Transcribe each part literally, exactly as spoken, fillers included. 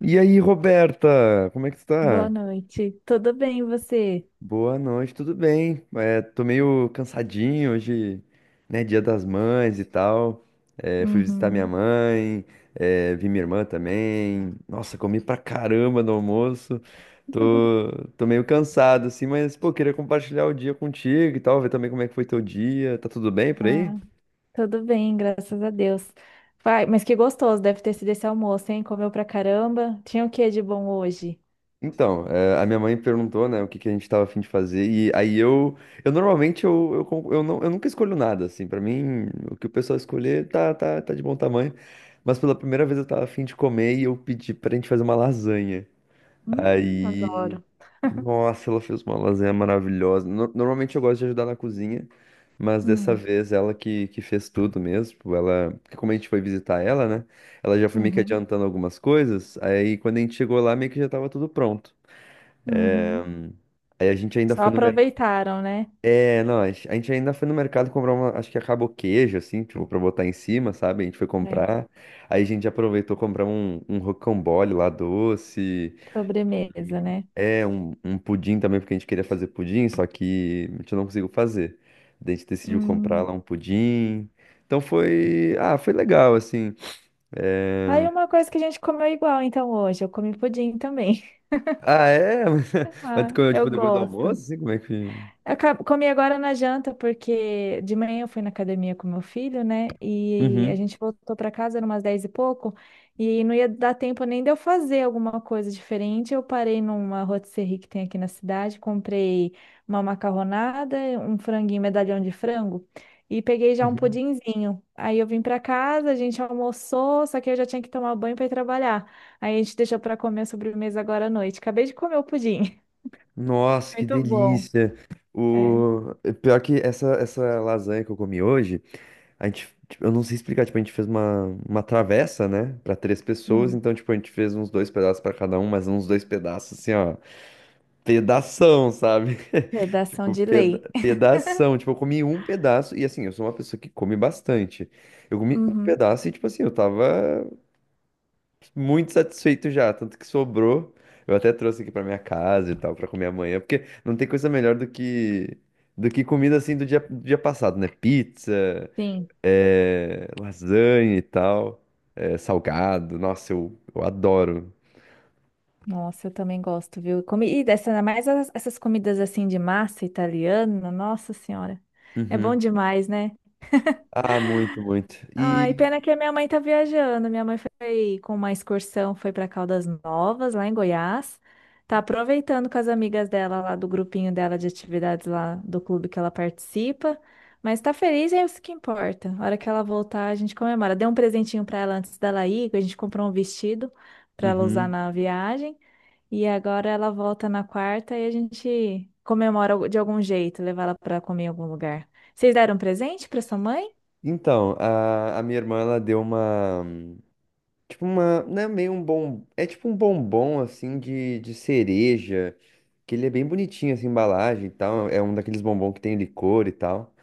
E aí, Roberta, como é que tu Boa tá? noite. Tudo bem, e você? Boa noite, tudo bem? É, tô meio cansadinho hoje, né? Dia das Mães e tal. É, fui visitar minha Uhum. mãe, é, vi minha irmã também. Nossa, comi pra caramba no almoço. Tô, tô meio cansado, assim, mas, pô, queria compartilhar o dia contigo e tal, ver também como é que foi teu dia. Tá tudo bem por aí? Ah, tudo bem, graças a Deus. Vai, mas que gostoso deve ter sido esse almoço, hein? Comeu pra caramba. Tinha o que de bom hoje? Então, eh, a minha mãe perguntou, né, o que que a gente tava a fim de fazer, e aí eu, eu normalmente, eu, eu, con- eu, não, eu nunca escolho nada, assim, pra mim, o que o pessoal escolher tá, tá, tá de bom tamanho, mas pela primeira vez eu tava a fim de comer e eu pedi pra gente fazer uma lasanha. Hum, aí, adoro. nossa, ela fez uma lasanha maravilhosa. No- normalmente eu gosto de ajudar na cozinha, mas dessa Hum, vez ela que, que fez tudo mesmo, tipo, ela, porque como a gente foi visitar ela, né, ela já foi meio que uhum, adiantando algumas coisas, aí quando a gente chegou lá, meio que já tava tudo pronto. uhum. Aí a gente ainda Só foi no mercado. aproveitaram, né? É, não, a gente a gente ainda foi no mercado comprar uma, acho que acabou queijo, assim, tipo, pra botar em cima, sabe? A gente foi É. comprar. Aí a gente aproveitou comprar um, um rocambole lá doce. Sobremesa, né? É, um, um pudim também, porque a gente queria fazer pudim, só que a gente não conseguiu fazer. Daí a gente decidiu comprar lá Hum. um pudim. Então foi. Ah, foi legal, assim. É... Tá aí uma coisa que a gente comeu igual, então, hoje. Eu comi pudim também. Ah, é? Mas tu Ah, comeu, eu tipo, depois do almoço, gosto. assim, como é que. Eu ca- comi agora na janta, porque de manhã eu fui na academia com meu filho, né? E a Uhum. gente voltou para casa, eram umas dez e pouco, e não ia dar tempo nem de eu fazer alguma coisa diferente. Eu parei numa rotisserie que tem aqui na cidade, comprei uma macarronada, um franguinho, medalhão de frango, e peguei já um pudinzinho. Aí eu vim para casa, a gente almoçou, só que eu já tinha que tomar banho para ir trabalhar. Aí a gente deixou para comer a sobremesa agora à noite. Acabei de comer o pudim. Nossa, que Muito bom. delícia. É. O... é pior que essa, essa lasanha que eu comi hoje, a gente, tipo, eu não sei explicar, tipo, a gente fez uma, uma travessa, né, pra três pessoas, Hum. então, tipo, a gente fez uns dois pedaços pra cada um, mas uns dois pedaços, assim, ó, pedação, sabe? Redação Tipo, de peda lei. pedação, tipo, eu comi um pedaço, e assim, eu sou uma pessoa que come bastante, eu comi um Uhum, pedaço e, tipo assim, eu tava muito satisfeito já, tanto que sobrou. Eu até trouxe aqui pra minha casa e tal, pra comer amanhã, porque não tem coisa melhor do que do que comida assim do dia, do dia passado, né? Pizza, sim. é, lasanha e tal, é, salgado. Nossa, eu, eu adoro. Nossa, eu também gosto, viu? Comida, essa, ainda mais as- essas comidas assim de massa italiana, nossa senhora. É bom Uhum. demais, né? Ah, muito, muito. Ai, E pena que a minha mãe tá viajando. Minha mãe foi com uma excursão, foi para Caldas Novas, lá em Goiás. Tá aproveitando com as amigas dela lá do grupinho dela de atividades lá do clube que ela participa. Mas tá feliz e é isso que importa. A hora que ela voltar, a gente comemora. Dei um presentinho para ela antes dela ir, que a gente comprou um vestido para ela usar uhum. na viagem. E agora ela volta na quarta e a gente comemora de algum jeito, levar ela para comer em algum lugar. Vocês deram presente para sua mãe? Então, a, a minha irmã ela deu uma. Tipo uma, né, meio um bom, é tipo um bombom assim de, de cereja, que ele é bem bonitinho assim, a embalagem e tal, é um daqueles bombom que tem licor e tal.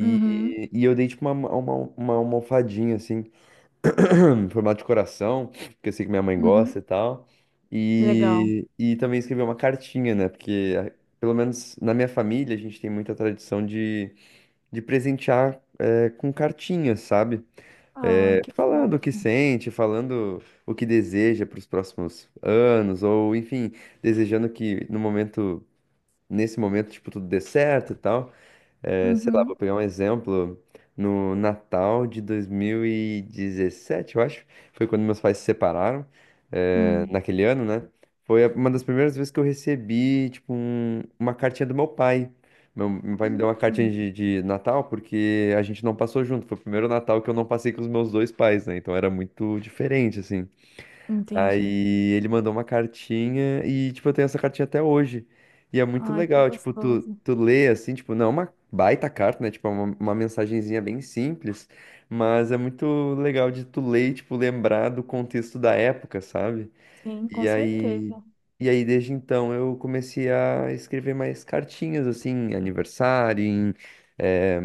Uhum, e eu dei tipo uma, uma, uma almofadinha assim, em formato de coração, que eu sei que minha mãe gosta e uhum. tal. Legal. E, e também escrevi uma cartinha, né? Porque a- pelo menos na minha família a gente tem muita tradição de, de presentear eh, com cartinhas, sabe? Ai, que Falando o que fofo. sente, falando o que deseja para os próximos anos, ou enfim, desejando que no momento, nesse momento, tipo, tudo dê certo e tal. É, sei lá, vou Uhum. pegar um exemplo. No Natal de dois mil e dezessete, eu acho, foi quando meus pais se separaram, é, Hum. naquele ano, né? Foi a- uma das primeiras vezes que eu recebi, tipo, um- uma cartinha do meu pai. Meu, meu pai me deu uma cartinha Hum. de, de Natal porque a gente não passou junto. Foi o primeiro Natal que eu não passei com os meus dois pais, né? Então era muito diferente, assim. Entendi. Aí ele mandou uma cartinha e, tipo, eu tenho essa cartinha até hoje. E é muito Ai, que legal, tipo, tu, gostoso. tu lê assim, tipo, não é uma baita carta, né? Tipo, é uma, uma mensagenzinha bem simples, mas é muito legal de tu ler, e, tipo, lembrar do contexto da época, sabe? Sim, com E aí, certeza. e aí desde então eu comecei a escrever mais cartinhas, assim, em aniversário, em, eh,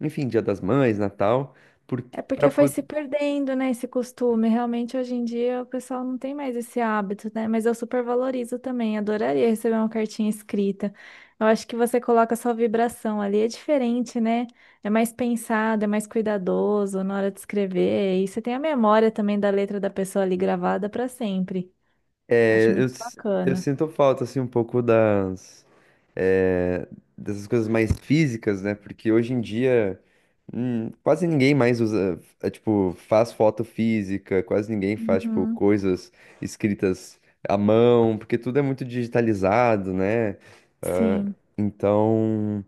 enfim, Dia das Mães, Natal, porque É porque foi se perdendo, né, esse costume. Realmente, hoje em dia, o pessoal não tem mais esse hábito, né? Mas eu super valorizo também. Adoraria receber uma cartinha escrita. Eu acho que você coloca a sua vibração ali, é diferente, né? É mais pensado, é mais cuidadoso na hora de escrever. E você tem a memória também da letra da pessoa ali gravada para sempre. Acho É, eu, muito s- eu bacana. sinto falta, assim, um pouco das, é, dessas coisas mais físicas, né? Porque hoje em dia, hum, quase ninguém mais usa, é, tipo, faz foto física, quase ninguém faz, tipo, Uhum. coisas escritas à mão, porque tudo é muito digitalizado, né? Ah, Sim, então.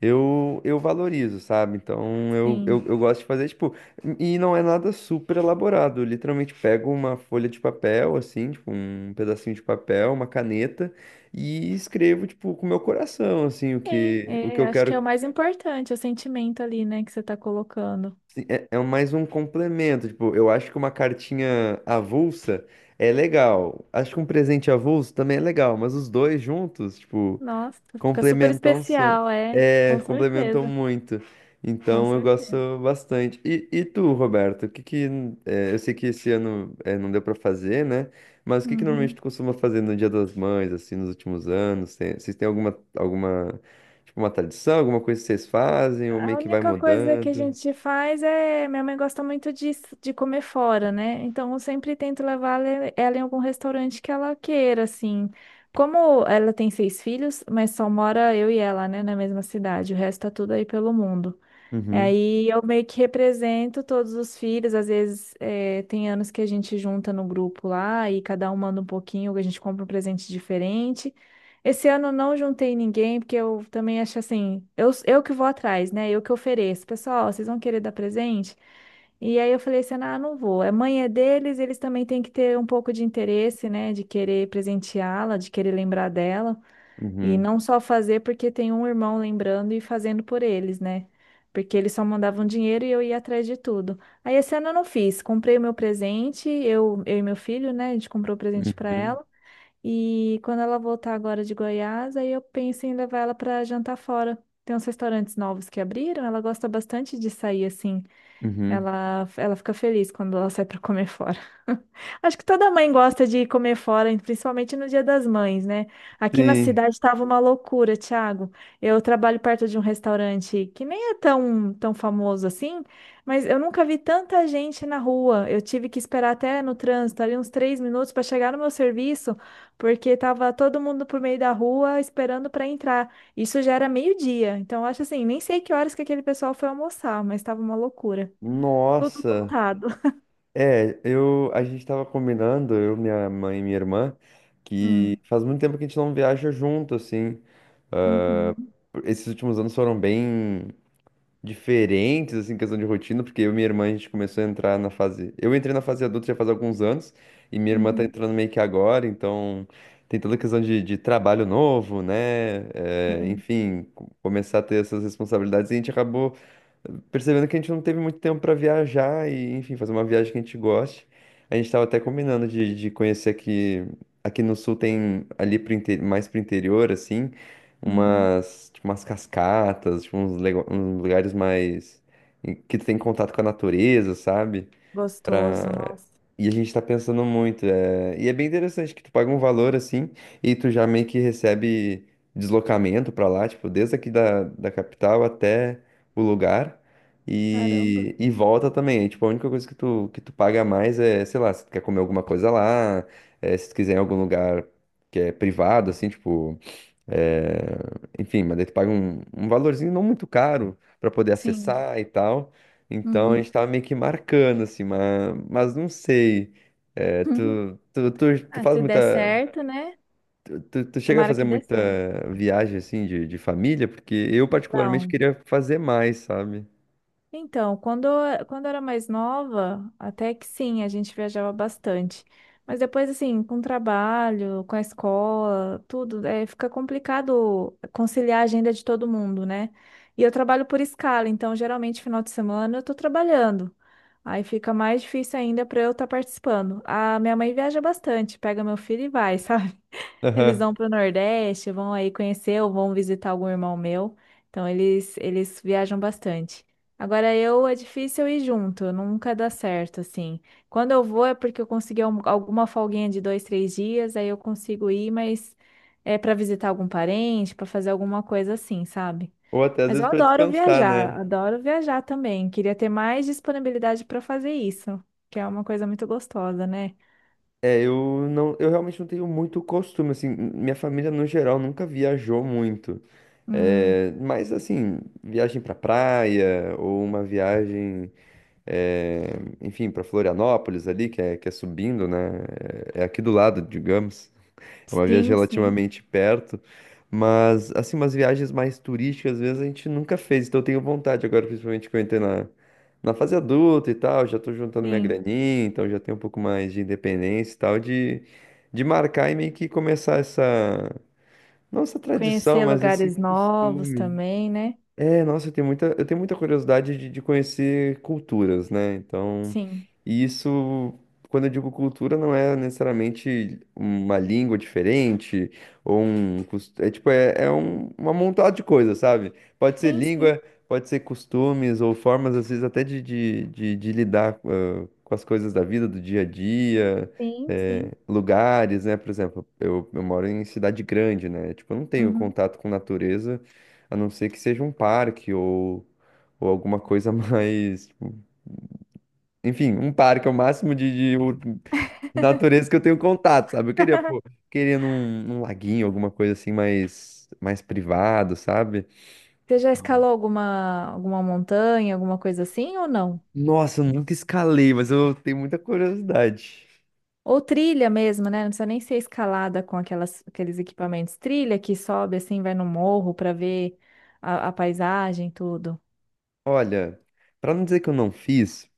Eu, eu valorizo, sabe? Então eu, sim. eu, eu gosto de fazer, tipo, e não é nada super elaborado. Eu literalmente pego uma folha de papel, assim, tipo, um pedacinho de papel, uma caneta, e escrevo, tipo, com o meu coração, assim, o Sim, que, o que é, eu acho que é o quero. mais importante, é o sentimento ali, né, que você tá colocando. Assim, é, é mais um complemento. Tipo, eu acho que uma cartinha avulsa é legal. Acho que um presente avulso também é legal, mas os dois juntos, tipo. Nossa, fica super Complementam, su- especial, é, é, com complementam certeza, muito. com Então eu gosto certeza. bastante. E, e tu, Roberto, o que que é, eu sei que esse ano é, não deu pra fazer, né? Mas o que que normalmente Uhum. tu costuma fazer no Dia das Mães, assim, nos últimos anos? Tem, vocês têm alguma alguma tipo uma tradição, alguma coisa que vocês fazem ou A meio que vai única coisa que a mudando? gente faz é, minha mãe gosta muito de, de comer fora, né? Então eu sempre tento levar ela ela em algum restaurante que ela queira, assim. Como ela tem seis filhos, mas só mora eu e ela, né, na mesma cidade, o resto tá tudo aí pelo mundo. E Uhum, aí eu meio que represento todos os filhos. Às vezes eh, tem anos que a gente junta no grupo lá e cada um manda um pouquinho, a gente compra um presente diferente. Esse ano eu não juntei ninguém, porque eu também acho assim, eu, eu que vou atrás, né? Eu que ofereço. Pessoal, vocês vão querer dar presente? E aí eu falei assim, ah, não vou. A mãe é deles, eles também têm que ter um pouco de interesse, né? De querer presenteá-la, de querer lembrar dela. E uhum, não só fazer porque tem um irmão lembrando e fazendo por eles, né? Porque eles só mandavam dinheiro e eu ia atrás de tudo. Aí esse ano eu não fiz. Comprei o meu presente, eu, eu e meu filho, né? A gente comprou o presente para uhum, ela. E quando ela voltar agora de Goiás, aí eu penso em levar ela para jantar fora. Tem uns restaurantes novos que abriram, ela gosta bastante de sair assim. uhum. Ela, ela fica feliz quando ela sai para comer fora. Acho que toda mãe gosta de comer fora, principalmente no Dia das Mães, né? Aqui na Sim. cidade estava uma loucura, Thiago. Eu trabalho perto de um restaurante que nem é tão, tão famoso assim, mas eu nunca vi tanta gente na rua. Eu tive que esperar até no trânsito, ali uns três minutos para chegar no meu serviço, porque tava todo mundo por meio da rua esperando para entrar. Isso já era meio-dia. Então, eu acho assim, nem sei que horas que aquele pessoal foi almoçar, mas estava uma loucura. Tudo Nossa. lotado. É, eu, a gente tava combinando, eu, minha mãe e minha irmã, que Hum, faz muito tempo que a gente não viaja junto, assim. uhum, Esses últimos anos foram bem diferentes, assim, em questão de rotina, porque eu e minha irmã, a gente começou a entrar na fase... Eu entrei na fase adulta já faz alguns anos, e minha irmã tá uhum, entrando meio que agora, então tem toda a questão de, de trabalho novo, né? É, sim, enfim, co- começar a ter essas responsabilidades, e a gente acabou percebendo que a gente não teve muito tempo para viajar e, enfim, fazer uma viagem que a gente goste. A gente estava até combinando de, de conhecer aqui, aqui no sul tem ali pro inte- mais pro interior, assim, uhum. umas, tipo, umas cascatas, tipo, uns, lego- uns lugares mais em que tu tem contato com a natureza, sabe? Gostoso, Pra... nossa. E a gente tá pensando muito. É... E é bem interessante que tu paga um valor assim e tu já meio que recebe deslocamento pra lá, tipo, desde aqui da, da capital até o lugar. Caramba. E, e volta também. É, tipo, a única coisa que tu, que tu paga a mais é, sei lá, se tu quer comer alguma coisa lá, é, se tu quiser ir em algum lugar que é privado, assim, tipo. É, enfim, mas daí tu paga um, um valorzinho não muito caro para poder Sim. acessar e tal. Então a Uhum. gente tava meio que marcando, assim, mas, mas não sei. É, tu, tu, tu, tu Ah, faz se der muita. certo, né? Tu, tu, tu chega a Tomara fazer que dê muita certo. viagem, assim, de, de família, porque eu particularmente Não. queria fazer mais, sabe? Então, quando, eu- quando eu era mais nova, até que sim, a gente viajava bastante. Mas depois, assim, com o trabalho, com a escola, tudo, é, fica complicado conciliar a agenda de todo mundo, né? E eu trabalho por escala, então geralmente final de semana eu tô trabalhando. Aí fica mais difícil ainda para eu estar participando. A minha mãe viaja bastante, pega meu filho e vai, sabe? Eles Aham. vão para o Nordeste, vão aí conhecer ou vão visitar algum irmão meu. Então eles eles viajam bastante. Agora eu é difícil eu ir junto, nunca dá certo assim. Quando eu vou é porque eu consegui al- alguma folguinha de dois, três dias, aí eu consigo ir, mas é para visitar algum parente, para fazer alguma coisa assim, sabe? Ou até às Mas vezes eu para adoro descansar, né? viajar, adoro viajar também. Queria ter mais disponibilidade para fazer isso, que é uma coisa muito gostosa, né? É, eu não, eu realmente não tenho muito costume, assim, minha família no geral nunca viajou muito. Hum, É, mas assim, viagem pra praia ou uma viagem, é, enfim, pra Florianópolis ali, que é, que é subindo, né? É é aqui do lado, digamos. É uma viagem sim, sim, relativamente perto, mas assim, umas viagens mais turísticas, às vezes a gente nunca fez, então eu tenho vontade agora, principalmente que eu entrei na, na fase adulta e tal, já tô juntando minha sim. graninha, então já tenho um pouco mais de independência e tal, de, de marcar e meio que começar essa, não essa tradição, Conhecer mas esse lugares novos costume. também, né? É, nossa, eu tenho muita, eu tenho muita curiosidade de, de conhecer culturas, né? Então, Sim. e isso, quando eu digo cultura, não é necessariamente uma língua diferente ou um, cos- é tipo, é, é um, uma montada de coisas, sabe? Pode ser Sim, sim, língua, pode ser costumes ou formas, às vezes, até de, de, de, de lidar, ah, com as coisas da vida, do dia a dia, sim, eh, sim. lugares, né? Por exemplo, eu, eu moro em cidade grande, né? Tipo, eu não tenho Uhum. contato com natureza a não ser que seja um parque ou, ou alguma coisa mais. Tipo, enfim, um parque é o máximo de, de, ur- de natureza que eu tenho contato, sabe? Eu queria, pô, queria num, num laguinho, alguma coisa assim mais, mais privado, sabe? Você já escalou alguma, alguma montanha, alguma coisa assim ou não? Nossa, eu nunca escalei, mas eu tenho muita curiosidade. Ou trilha mesmo, né? Não precisa nem ser escalada com aquelas, aqueles equipamentos. Trilha que sobe assim, vai no morro para ver a, a paisagem, tudo. Olha, pra não dizer que eu não fiz,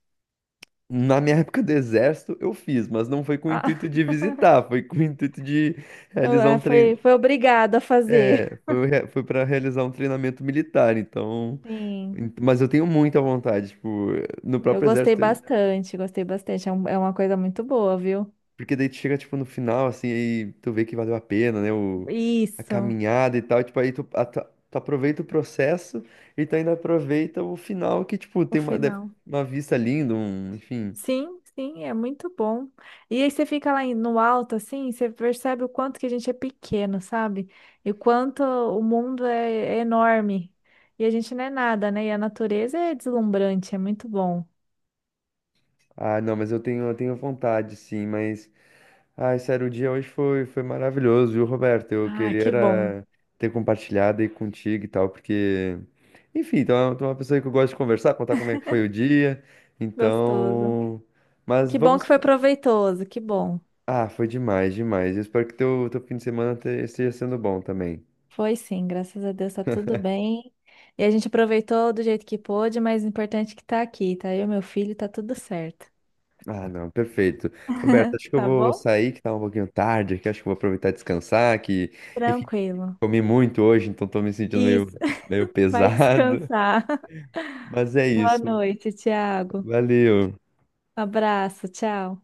na minha época do exército eu fiz, mas não foi com o intuito Ah, de visitar, foi com o intuito de realizar é, um treino. foi, foi obrigado a fazer. É, foi, re- foi para realizar um treinamento militar, então. Sim, Ent- Mas eu tenho muita vontade, tipo, no eu próprio gostei exército, eu- bastante, gostei bastante. É, um- é uma coisa muito boa, viu? porque daí tu chega, tipo, no final, assim, aí tu vê que valeu a pena, né, o, a Isso, caminhada e tal, tipo, aí tu, a- tu, tu aproveita o processo e tu ainda aproveita o final que, tipo, o tem uma, deve- final. uma vista linda, um, enfim. Sim, sim, é muito bom. E aí você fica lá em- no alto, assim, você percebe o quanto que a gente é pequeno, sabe? E o quanto o mundo é, é enorme. E a gente não é nada, né? E a natureza é deslumbrante, é muito bom. Ah, não, mas eu tenho, eu tenho vontade, sim, mas ai, sério, o dia hoje foi, foi maravilhoso, viu, Roberto? Eu Ah, queria que bom. era ter compartilhado aí contigo e tal, porque, enfim, tu é tu é uma pessoa que eu gosto de conversar, contar como é que foi o dia, Gostoso. então. Mas Que bom vamos. que foi proveitoso, que bom. Ah, foi demais, demais. Eu espero que teu, teu fim de semana te- esteja sendo bom também. Foi sim, graças a Deus tá tudo bem. E a gente aproveitou do jeito que pôde, mas o importante é que tá aqui, tá? Eu, meu filho, tá tudo certo. Ah, não, perfeito. Roberto, acho que eu Tá vou bom? sair, que tá um pouquinho tarde que acho que eu vou aproveitar e descansar, que, enfim, Tranquilo. comi muito hoje, então tô me sentindo meio, Isso. meio Vai pesado. descansar. Mas é Boa isso. noite, Tiago. Valeu. Abraço, tchau.